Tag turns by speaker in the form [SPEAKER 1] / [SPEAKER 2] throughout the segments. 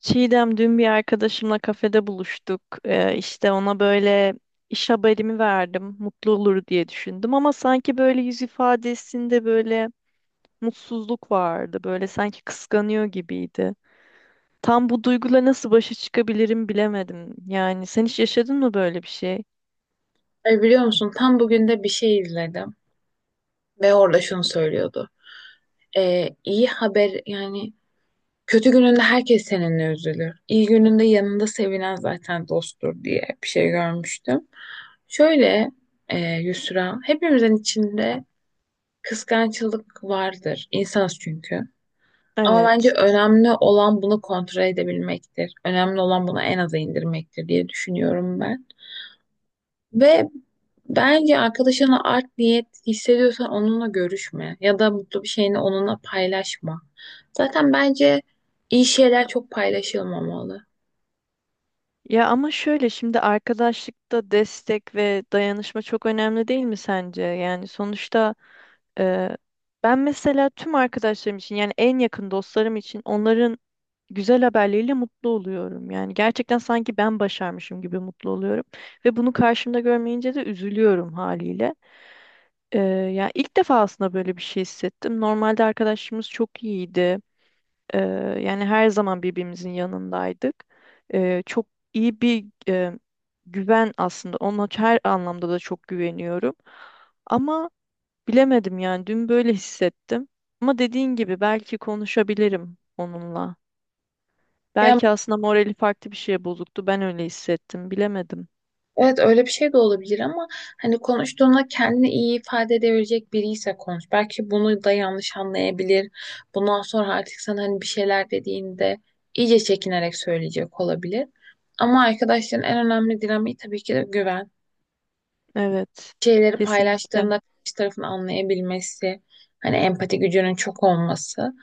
[SPEAKER 1] Çiğdem dün bir arkadaşımla kafede buluştuk. İşte ona böyle iş haberimi verdim. Mutlu olur diye düşündüm ama sanki böyle yüz ifadesinde böyle mutsuzluk vardı. Böyle sanki kıskanıyor gibiydi. Tam bu duyguyla nasıl başa çıkabilirim bilemedim. Yani sen hiç yaşadın mı böyle bir şey?
[SPEAKER 2] Biliyor musun tam bugün de bir şey izledim ve orada şunu söylüyordu. İyi haber yani kötü gününde herkes seninle üzülür. İyi gününde yanında sevinen zaten dosttur diye bir şey görmüştüm. Şöyle Yusra hepimizin içinde kıskançlık vardır. İnsanız çünkü. Ama bence
[SPEAKER 1] Evet.
[SPEAKER 2] önemli olan bunu kontrol edebilmektir. Önemli olan bunu en aza indirmektir diye düşünüyorum ben. Ve bence arkadaşına art niyet hissediyorsan onunla görüşme ya da mutlu bir şeyini onunla paylaşma. Zaten bence iyi şeyler çok paylaşılmamalı.
[SPEAKER 1] Ya ama şöyle şimdi arkadaşlıkta destek ve dayanışma çok önemli değil mi sence? Yani sonuçta e, ben mesela tüm arkadaşlarım için yani en yakın dostlarım için onların güzel haberleriyle mutlu oluyorum. Yani gerçekten sanki ben başarmışım gibi mutlu oluyorum ve bunu karşımda görmeyince de üzülüyorum haliyle. E, Ya ilk defa aslında böyle bir şey hissettim. Normalde arkadaşımız çok iyiydi. Ee, Yani her zaman birbirimizin yanındaydık. Çok iyi bir güven aslında. Ona her anlamda da çok güveniyorum. Ama bilemedim yani dün böyle hissettim. Ama dediğin gibi belki konuşabilirim onunla.
[SPEAKER 2] Ya
[SPEAKER 1] Belki aslında morali farklı bir şeye bozuktu. Ben öyle hissettim. Bilemedim.
[SPEAKER 2] evet öyle bir şey de olabilir ama hani konuştuğunda kendini iyi ifade edebilecek biri ise konuş. Belki bunu da yanlış anlayabilir. Bundan sonra artık sana hani bir şeyler dediğinde iyice çekinerek söyleyecek olabilir. Ama arkadaşların en önemli dinamiği tabii ki de güven.
[SPEAKER 1] Evet.
[SPEAKER 2] Şeyleri
[SPEAKER 1] Kesinlikle.
[SPEAKER 2] paylaştığında karşı tarafın anlayabilmesi, hani empati gücünün çok olması.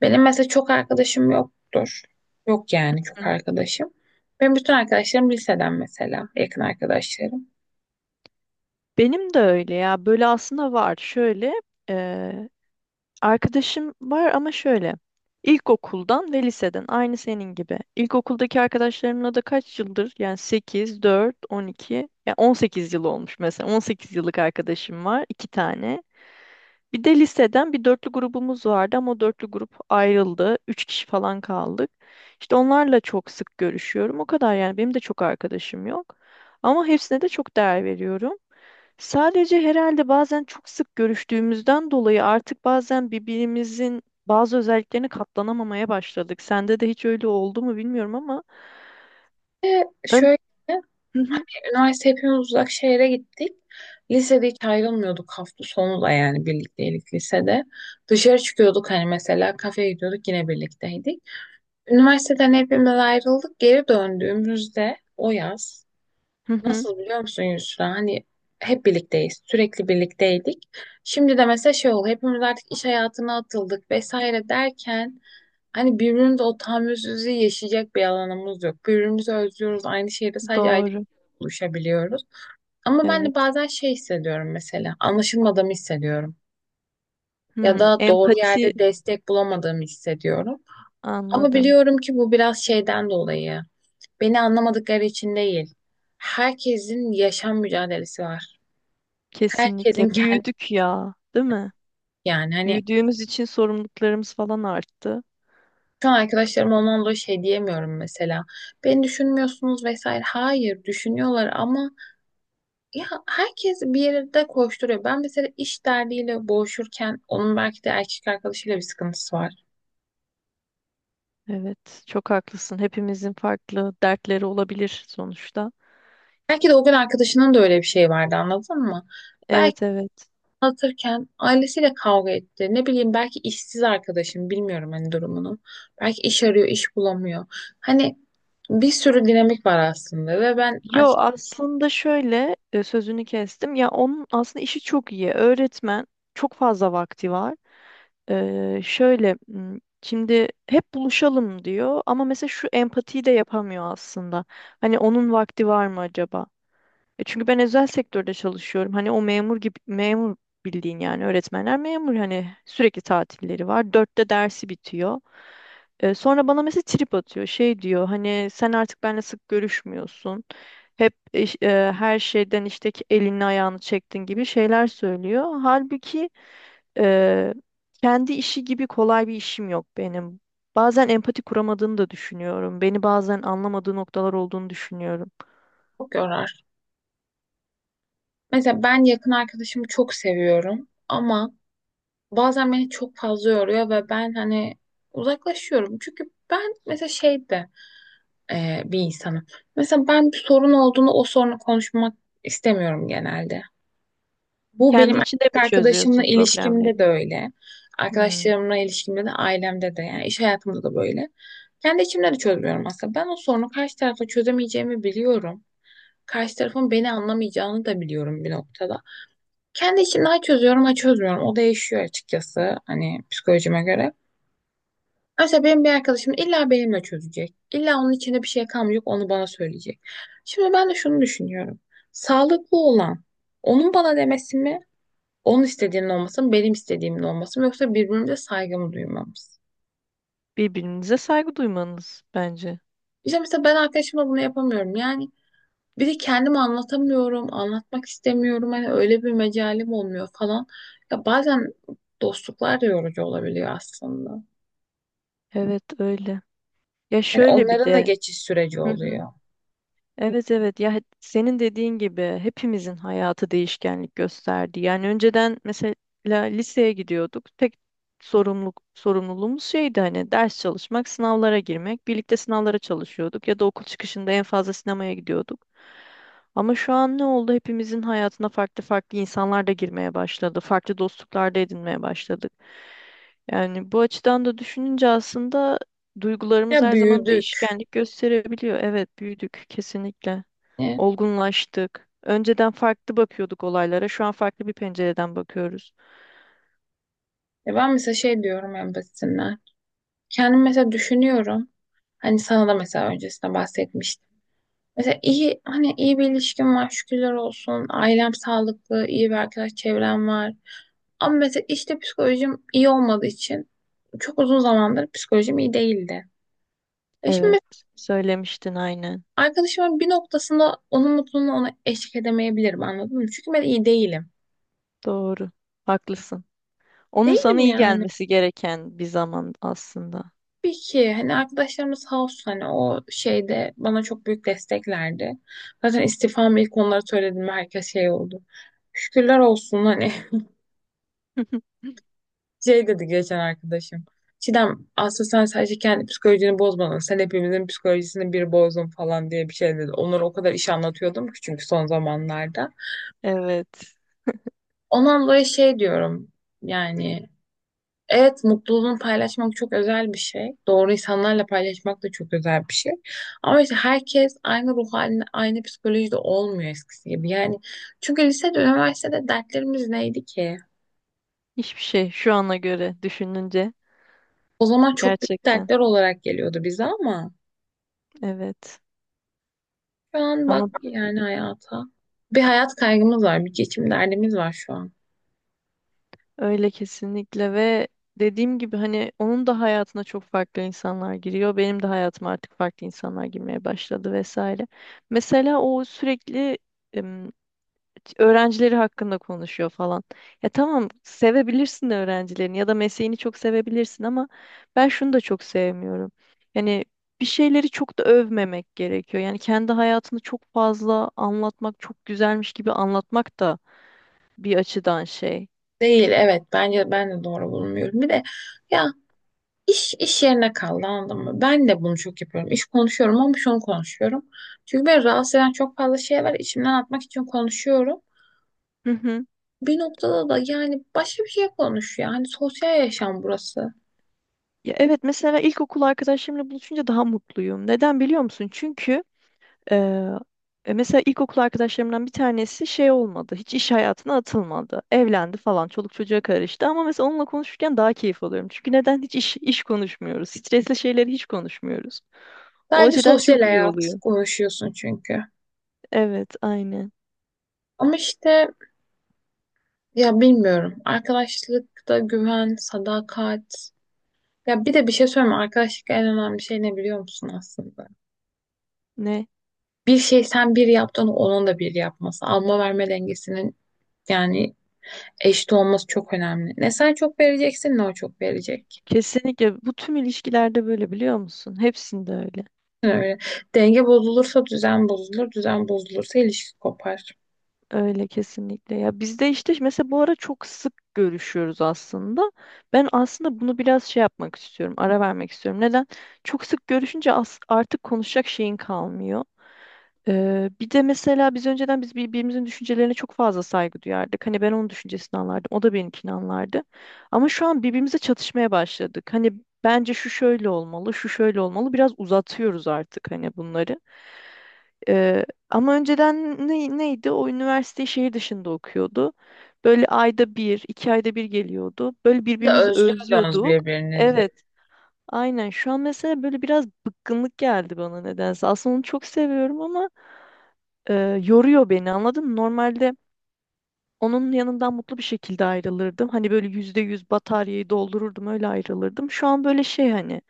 [SPEAKER 2] Benim mesela çok arkadaşım yoktur. Yok yani
[SPEAKER 1] Hı.
[SPEAKER 2] çok arkadaşım. Benim bütün arkadaşlarım liseden mesela, yakın arkadaşlarım.
[SPEAKER 1] Benim de öyle ya. Böyle aslında var. Şöyle arkadaşım var ama şöyle. İlkokuldan ve liseden aynı senin gibi. İlkokuldaki arkadaşlarımla da kaç yıldır? Yani sekiz, dört, 12, yani 18 yıl olmuş mesela. 18 yıllık arkadaşım var, iki tane. Bir de liseden bir dörtlü grubumuz vardı ama o dörtlü grup ayrıldı. Üç kişi falan kaldık. İşte onlarla çok sık görüşüyorum. O kadar yani benim de çok arkadaşım yok. Ama hepsine de çok değer veriyorum. Sadece herhalde bazen çok sık görüştüğümüzden dolayı artık bazen birbirimizin bazı özelliklerini katlanamamaya başladık. Sende de hiç öyle oldu mu bilmiyorum ama
[SPEAKER 2] Ve
[SPEAKER 1] ön...
[SPEAKER 2] şöyle
[SPEAKER 1] hı hı,
[SPEAKER 2] hani üniversite hepimiz uzak şehre gittik. Lisede hiç ayrılmıyorduk hafta sonu da yani birlikteydik lisede. Dışarı çıkıyorduk hani mesela kafeye gidiyorduk yine birlikteydik. Üniversiteden hepimiz ayrıldık. Geri döndüğümüzde o yaz
[SPEAKER 1] hı hı.
[SPEAKER 2] nasıl biliyor musun Yusra? Hani hep birlikteyiz. Sürekli birlikteydik. Şimdi de mesela şey oldu. Hepimiz artık iş hayatına atıldık vesaire derken hani birbirimize o tahammülsüzlüğü yaşayacak bir alanımız yok. Birbirimizi özlüyoruz. Aynı şehirde sadece ayrı
[SPEAKER 1] Doğru.
[SPEAKER 2] buluşabiliyoruz. Ama ben de
[SPEAKER 1] Evet.
[SPEAKER 2] bazen şey hissediyorum mesela. Anlaşılmadığımı hissediyorum. Ya
[SPEAKER 1] Hmm,
[SPEAKER 2] da doğru
[SPEAKER 1] empati
[SPEAKER 2] yerde destek bulamadığımı hissediyorum. Ama
[SPEAKER 1] anladım.
[SPEAKER 2] biliyorum ki bu biraz şeyden dolayı. Beni anlamadıkları için değil. Herkesin yaşam mücadelesi var. Herkesin
[SPEAKER 1] Kesinlikle.
[SPEAKER 2] kendi
[SPEAKER 1] Büyüdük ya, değil mi?
[SPEAKER 2] yani hani
[SPEAKER 1] Büyüdüğümüz için sorumluluklarımız falan arttı.
[SPEAKER 2] şu an arkadaşlarım ondan dolayı şey diyemiyorum mesela. Beni düşünmüyorsunuz vesaire. Hayır düşünüyorlar ama ya herkes bir yerde koşturuyor. Ben mesela iş derdiyle boğuşurken onun belki de erkek arkadaşıyla bir sıkıntısı var.
[SPEAKER 1] Evet, çok haklısın. Hepimizin farklı dertleri olabilir sonuçta.
[SPEAKER 2] Belki de o gün arkadaşının da öyle bir şey vardı anladın mı? Belki
[SPEAKER 1] Evet, evet.
[SPEAKER 2] anlatırken ailesiyle kavga etti. Ne bileyim belki işsiz arkadaşım bilmiyorum hani durumunu. Belki iş arıyor, iş bulamıyor. Hani bir sürü dinamik var aslında ve ben
[SPEAKER 1] Yo
[SPEAKER 2] artık
[SPEAKER 1] aslında şöyle sözünü kestim. Ya onun aslında işi çok iyi. Öğretmen çok fazla vakti var. Şöyle şimdi hep buluşalım diyor ama mesela şu empatiyi de yapamıyor aslında. Hani onun vakti var mı acaba? E çünkü ben özel sektörde çalışıyorum. Hani o memur gibi memur bildiğin yani öğretmenler memur hani sürekli tatilleri var. 4'te dersi bitiyor. Sonra bana mesela trip atıyor. Şey diyor hani sen artık benimle sık görüşmüyorsun. Hep her şeyden işte ki elini ayağını çektin gibi şeyler söylüyor. Halbuki e, kendi işi gibi kolay bir işim yok benim. Bazen empati kuramadığını da düşünüyorum. Beni bazen anlamadığı noktalar olduğunu düşünüyorum.
[SPEAKER 2] çok yorar. Mesela ben yakın arkadaşımı çok seviyorum ama bazen beni çok fazla yoruyor ve ben hani uzaklaşıyorum. Çünkü ben mesela şeyde bir insanım. Mesela ben bir sorun olduğunu o sorunu konuşmak istemiyorum genelde. Bu benim
[SPEAKER 1] Kendi içinde mi
[SPEAKER 2] erkek arkadaşımla
[SPEAKER 1] çözüyorsun
[SPEAKER 2] ilişkimde de
[SPEAKER 1] problemleri?
[SPEAKER 2] öyle.
[SPEAKER 1] Hmm.
[SPEAKER 2] Arkadaşlarımla ilişkimde de ailemde de yani iş hayatımda da böyle. Kendi içimde de çözmüyorum aslında. Ben o sorunu karşı tarafa çözemeyeceğimi biliyorum. Karşı tarafın beni anlamayacağını da biliyorum bir noktada. Kendi içimde ha çözüyorum ha çözmüyorum. O değişiyor açıkçası hani psikolojime göre. Mesela benim bir arkadaşım illa benimle çözecek. İlla onun içinde bir şey kalmayacak onu bana söyleyecek. Şimdi ben de şunu düşünüyorum. Sağlıklı olan onun bana demesi mi? Onun istediğinin olması mı, benim istediğimin olması mı yoksa birbirimize saygımı duymamız.
[SPEAKER 1] Birbirinize saygı duymanız bence.
[SPEAKER 2] İşte mesela ben arkadaşıma bunu yapamıyorum. Yani bir de kendimi anlatamıyorum, anlatmak istemiyorum. Hani öyle bir mecalim olmuyor falan. Ya bazen dostluklar da yorucu olabiliyor aslında.
[SPEAKER 1] Evet öyle. Ya
[SPEAKER 2] Yani
[SPEAKER 1] şöyle bir
[SPEAKER 2] onların da
[SPEAKER 1] de.
[SPEAKER 2] geçiş süreci
[SPEAKER 1] Hı hı.
[SPEAKER 2] oluyor.
[SPEAKER 1] Evet evet ya senin dediğin gibi hepimizin hayatı değişkenlik gösterdi. Yani önceden mesela liseye gidiyorduk. Tek sorumluluğumuz şeydi hani ders çalışmak, sınavlara girmek. Birlikte sınavlara çalışıyorduk ya da okul çıkışında en fazla sinemaya gidiyorduk. Ama şu an ne oldu? Hepimizin hayatına farklı farklı insanlar da girmeye başladı. Farklı dostluklar da edinmeye başladık. Yani bu açıdan da düşününce aslında duygularımız
[SPEAKER 2] Ya
[SPEAKER 1] her zaman
[SPEAKER 2] büyüdük.
[SPEAKER 1] değişkenlik gösterebiliyor. Evet, büyüdük kesinlikle.
[SPEAKER 2] Yani
[SPEAKER 1] Olgunlaştık. Önceden farklı bakıyorduk olaylara. Şu an farklı bir pencereden bakıyoruz.
[SPEAKER 2] ya ben mesela şey diyorum en basitinden. Kendim mesela düşünüyorum. Hani sana da mesela öncesinde bahsetmiştim. Mesela iyi hani iyi bir ilişkim var şükürler olsun. Ailem sağlıklı, iyi bir arkadaş çevrem var. Ama mesela işte psikolojim iyi olmadığı için çok uzun zamandır psikolojim iyi değildi. E şimdi
[SPEAKER 1] Evet,
[SPEAKER 2] mesela
[SPEAKER 1] söylemiştin aynen.
[SPEAKER 2] arkadaşımın bir noktasında onun mutluluğuna ona eşlik edemeyebilirim anladın mı? Çünkü ben iyi değilim.
[SPEAKER 1] Doğru. Haklısın. Onun sana
[SPEAKER 2] Değilim
[SPEAKER 1] iyi
[SPEAKER 2] yani.
[SPEAKER 1] gelmesi gereken bir zaman aslında.
[SPEAKER 2] Tabii ki hani arkadaşlarımız sağ olsun hani o şeyde bana çok büyük desteklerdi. Zaten istifamı ilk onlara söylediğimde herkes şey oldu. Şükürler olsun hani şey dedi geçen arkadaşım. Çiğdem aslında sen sadece kendi psikolojini bozmadın. Sen hepimizin psikolojisini bir bozdun falan diye bir şey dedi. Onlara o kadar iş anlatıyordum ki çünkü son zamanlarda.
[SPEAKER 1] Evet.
[SPEAKER 2] Ondan dolayı şey diyorum yani evet mutluluğunu paylaşmak çok özel bir şey. Doğru insanlarla paylaşmak da çok özel bir şey. Ama işte herkes aynı ruh halinde aynı psikolojide olmuyor eskisi gibi. Yani çünkü lisede üniversitede dertlerimiz neydi ki?
[SPEAKER 1] Hiçbir şey şu ana göre düşününce
[SPEAKER 2] O zaman çok büyük
[SPEAKER 1] gerçekten.
[SPEAKER 2] dertler olarak geliyordu bize ama.
[SPEAKER 1] Evet.
[SPEAKER 2] Şu an bak
[SPEAKER 1] Ama
[SPEAKER 2] yani hayata. Bir hayat kaygımız var, bir geçim derdimiz var şu an.
[SPEAKER 1] öyle kesinlikle ve dediğim gibi hani onun da hayatına çok farklı insanlar giriyor. Benim de hayatıma artık farklı insanlar girmeye başladı vesaire. Mesela o sürekli em, öğrencileri hakkında konuşuyor falan. Ya tamam sevebilirsin de öğrencilerini ya da mesleğini çok sevebilirsin ama ben şunu da çok sevmiyorum. Yani bir şeyleri çok da övmemek gerekiyor. Yani kendi hayatını çok fazla anlatmak, çok güzelmiş gibi anlatmak da bir açıdan şey.
[SPEAKER 2] Değil, evet. Bence ben de doğru bulmuyorum. Bir de ya iş yerine kaldı anladın mı? Ben de bunu çok yapıyorum. İş konuşuyorum ama şunu konuşuyorum. Çünkü beni rahatsız eden çok fazla şey var. İçimden atmak için konuşuyorum.
[SPEAKER 1] Hı hı.
[SPEAKER 2] Bir noktada da yani başka bir şey konuş ya. Hani sosyal yaşam burası.
[SPEAKER 1] Ya evet mesela ilkokul arkadaşlarımla buluşunca daha mutluyum. Neden biliyor musun? Çünkü eee, mesela ilkokul arkadaşlarımdan bir tanesi şey olmadı. Hiç iş hayatına atılmadı. Evlendi falan. Çoluk çocuğa karıştı. Ama mesela onunla konuşurken daha keyif alıyorum. Çünkü neden hiç iş konuşmuyoruz? Stresli şeyleri hiç konuşmuyoruz. O
[SPEAKER 2] Sadece
[SPEAKER 1] açıdan
[SPEAKER 2] sosyal
[SPEAKER 1] çok iyi
[SPEAKER 2] hayat
[SPEAKER 1] oluyor.
[SPEAKER 2] konuşuyorsun çünkü.
[SPEAKER 1] Evet, aynen.
[SPEAKER 2] Ama işte ya bilmiyorum. Arkadaşlıkta güven, sadakat. Ya bir de bir şey söyleyeyim mi? Arkadaşlıkta en önemli şey ne biliyor musun aslında?
[SPEAKER 1] Ne?
[SPEAKER 2] Bir şey sen bir yaptın onun da bir yapması. Alma verme dengesinin yani eşit olması çok önemli. Ne sen çok vereceksin ne o çok verecek.
[SPEAKER 1] Kesinlikle bu tüm ilişkilerde böyle biliyor musun? Hepsinde öyle.
[SPEAKER 2] Öyle. Denge bozulursa düzen bozulur, düzen bozulursa ilişki kopar.
[SPEAKER 1] Öyle kesinlikle. Ya biz de işte mesela bu ara çok sık görüşüyoruz aslında. Ben aslında bunu biraz şey yapmak istiyorum, ara vermek istiyorum. Neden? Çok sık görüşünce artık konuşacak şeyin kalmıyor. Bir de mesela biz önceden birbirimizin düşüncelerine çok fazla saygı duyardık. Hani ben onun düşüncesini anlardım, o da benimkini anlardı. Ama şu an birbirimize çatışmaya başladık. Hani bence şu şöyle olmalı, şu şöyle olmalı. Biraz uzatıyoruz artık hani bunları. Ee, Ama önceden neydi? O üniversiteyi şehir dışında okuyordu. Böyle ayda bir, iki ayda bir geliyordu. Böyle
[SPEAKER 2] Bir de
[SPEAKER 1] birbirimizi
[SPEAKER 2] özlüyordunuz
[SPEAKER 1] özlüyorduk.
[SPEAKER 2] birbirinizi.
[SPEAKER 1] Evet, aynen. Şu an mesela böyle biraz bıkkınlık geldi bana nedense. Aslında onu çok seviyorum ama e, yoruyor beni anladın mı? Normalde onun yanından mutlu bir şekilde ayrılırdım. Hani böyle %100 bataryayı doldururdum öyle ayrılırdım. Şu an böyle şey hani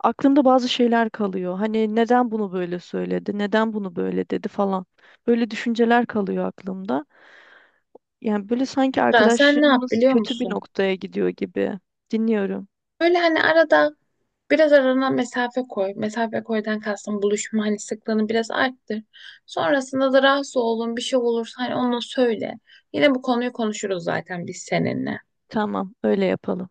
[SPEAKER 1] aklımda bazı şeyler kalıyor. Hani neden bunu böyle söyledi, neden bunu böyle dedi falan. Böyle düşünceler kalıyor aklımda. Yani böyle sanki
[SPEAKER 2] Ya sen ne yap
[SPEAKER 1] arkadaşlığımız
[SPEAKER 2] biliyor
[SPEAKER 1] kötü bir
[SPEAKER 2] musun?
[SPEAKER 1] noktaya gidiyor gibi. Dinliyorum.
[SPEAKER 2] Böyle hani arada biraz arana mesafe koy. Mesafe koydan kastım buluşma hani sıklığını biraz arttır. Sonrasında da rahatsız olduğun bir şey olursa hani onu söyle. Yine bu konuyu konuşuruz zaten biz seninle.
[SPEAKER 1] Tamam, öyle yapalım.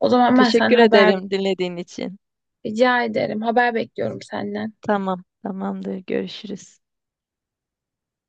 [SPEAKER 2] O zaman ben
[SPEAKER 1] Teşekkür
[SPEAKER 2] sana haber
[SPEAKER 1] ederim dinlediğin için.
[SPEAKER 2] rica ederim. Haber bekliyorum senden.
[SPEAKER 1] Tamam, tamamdır. Görüşürüz.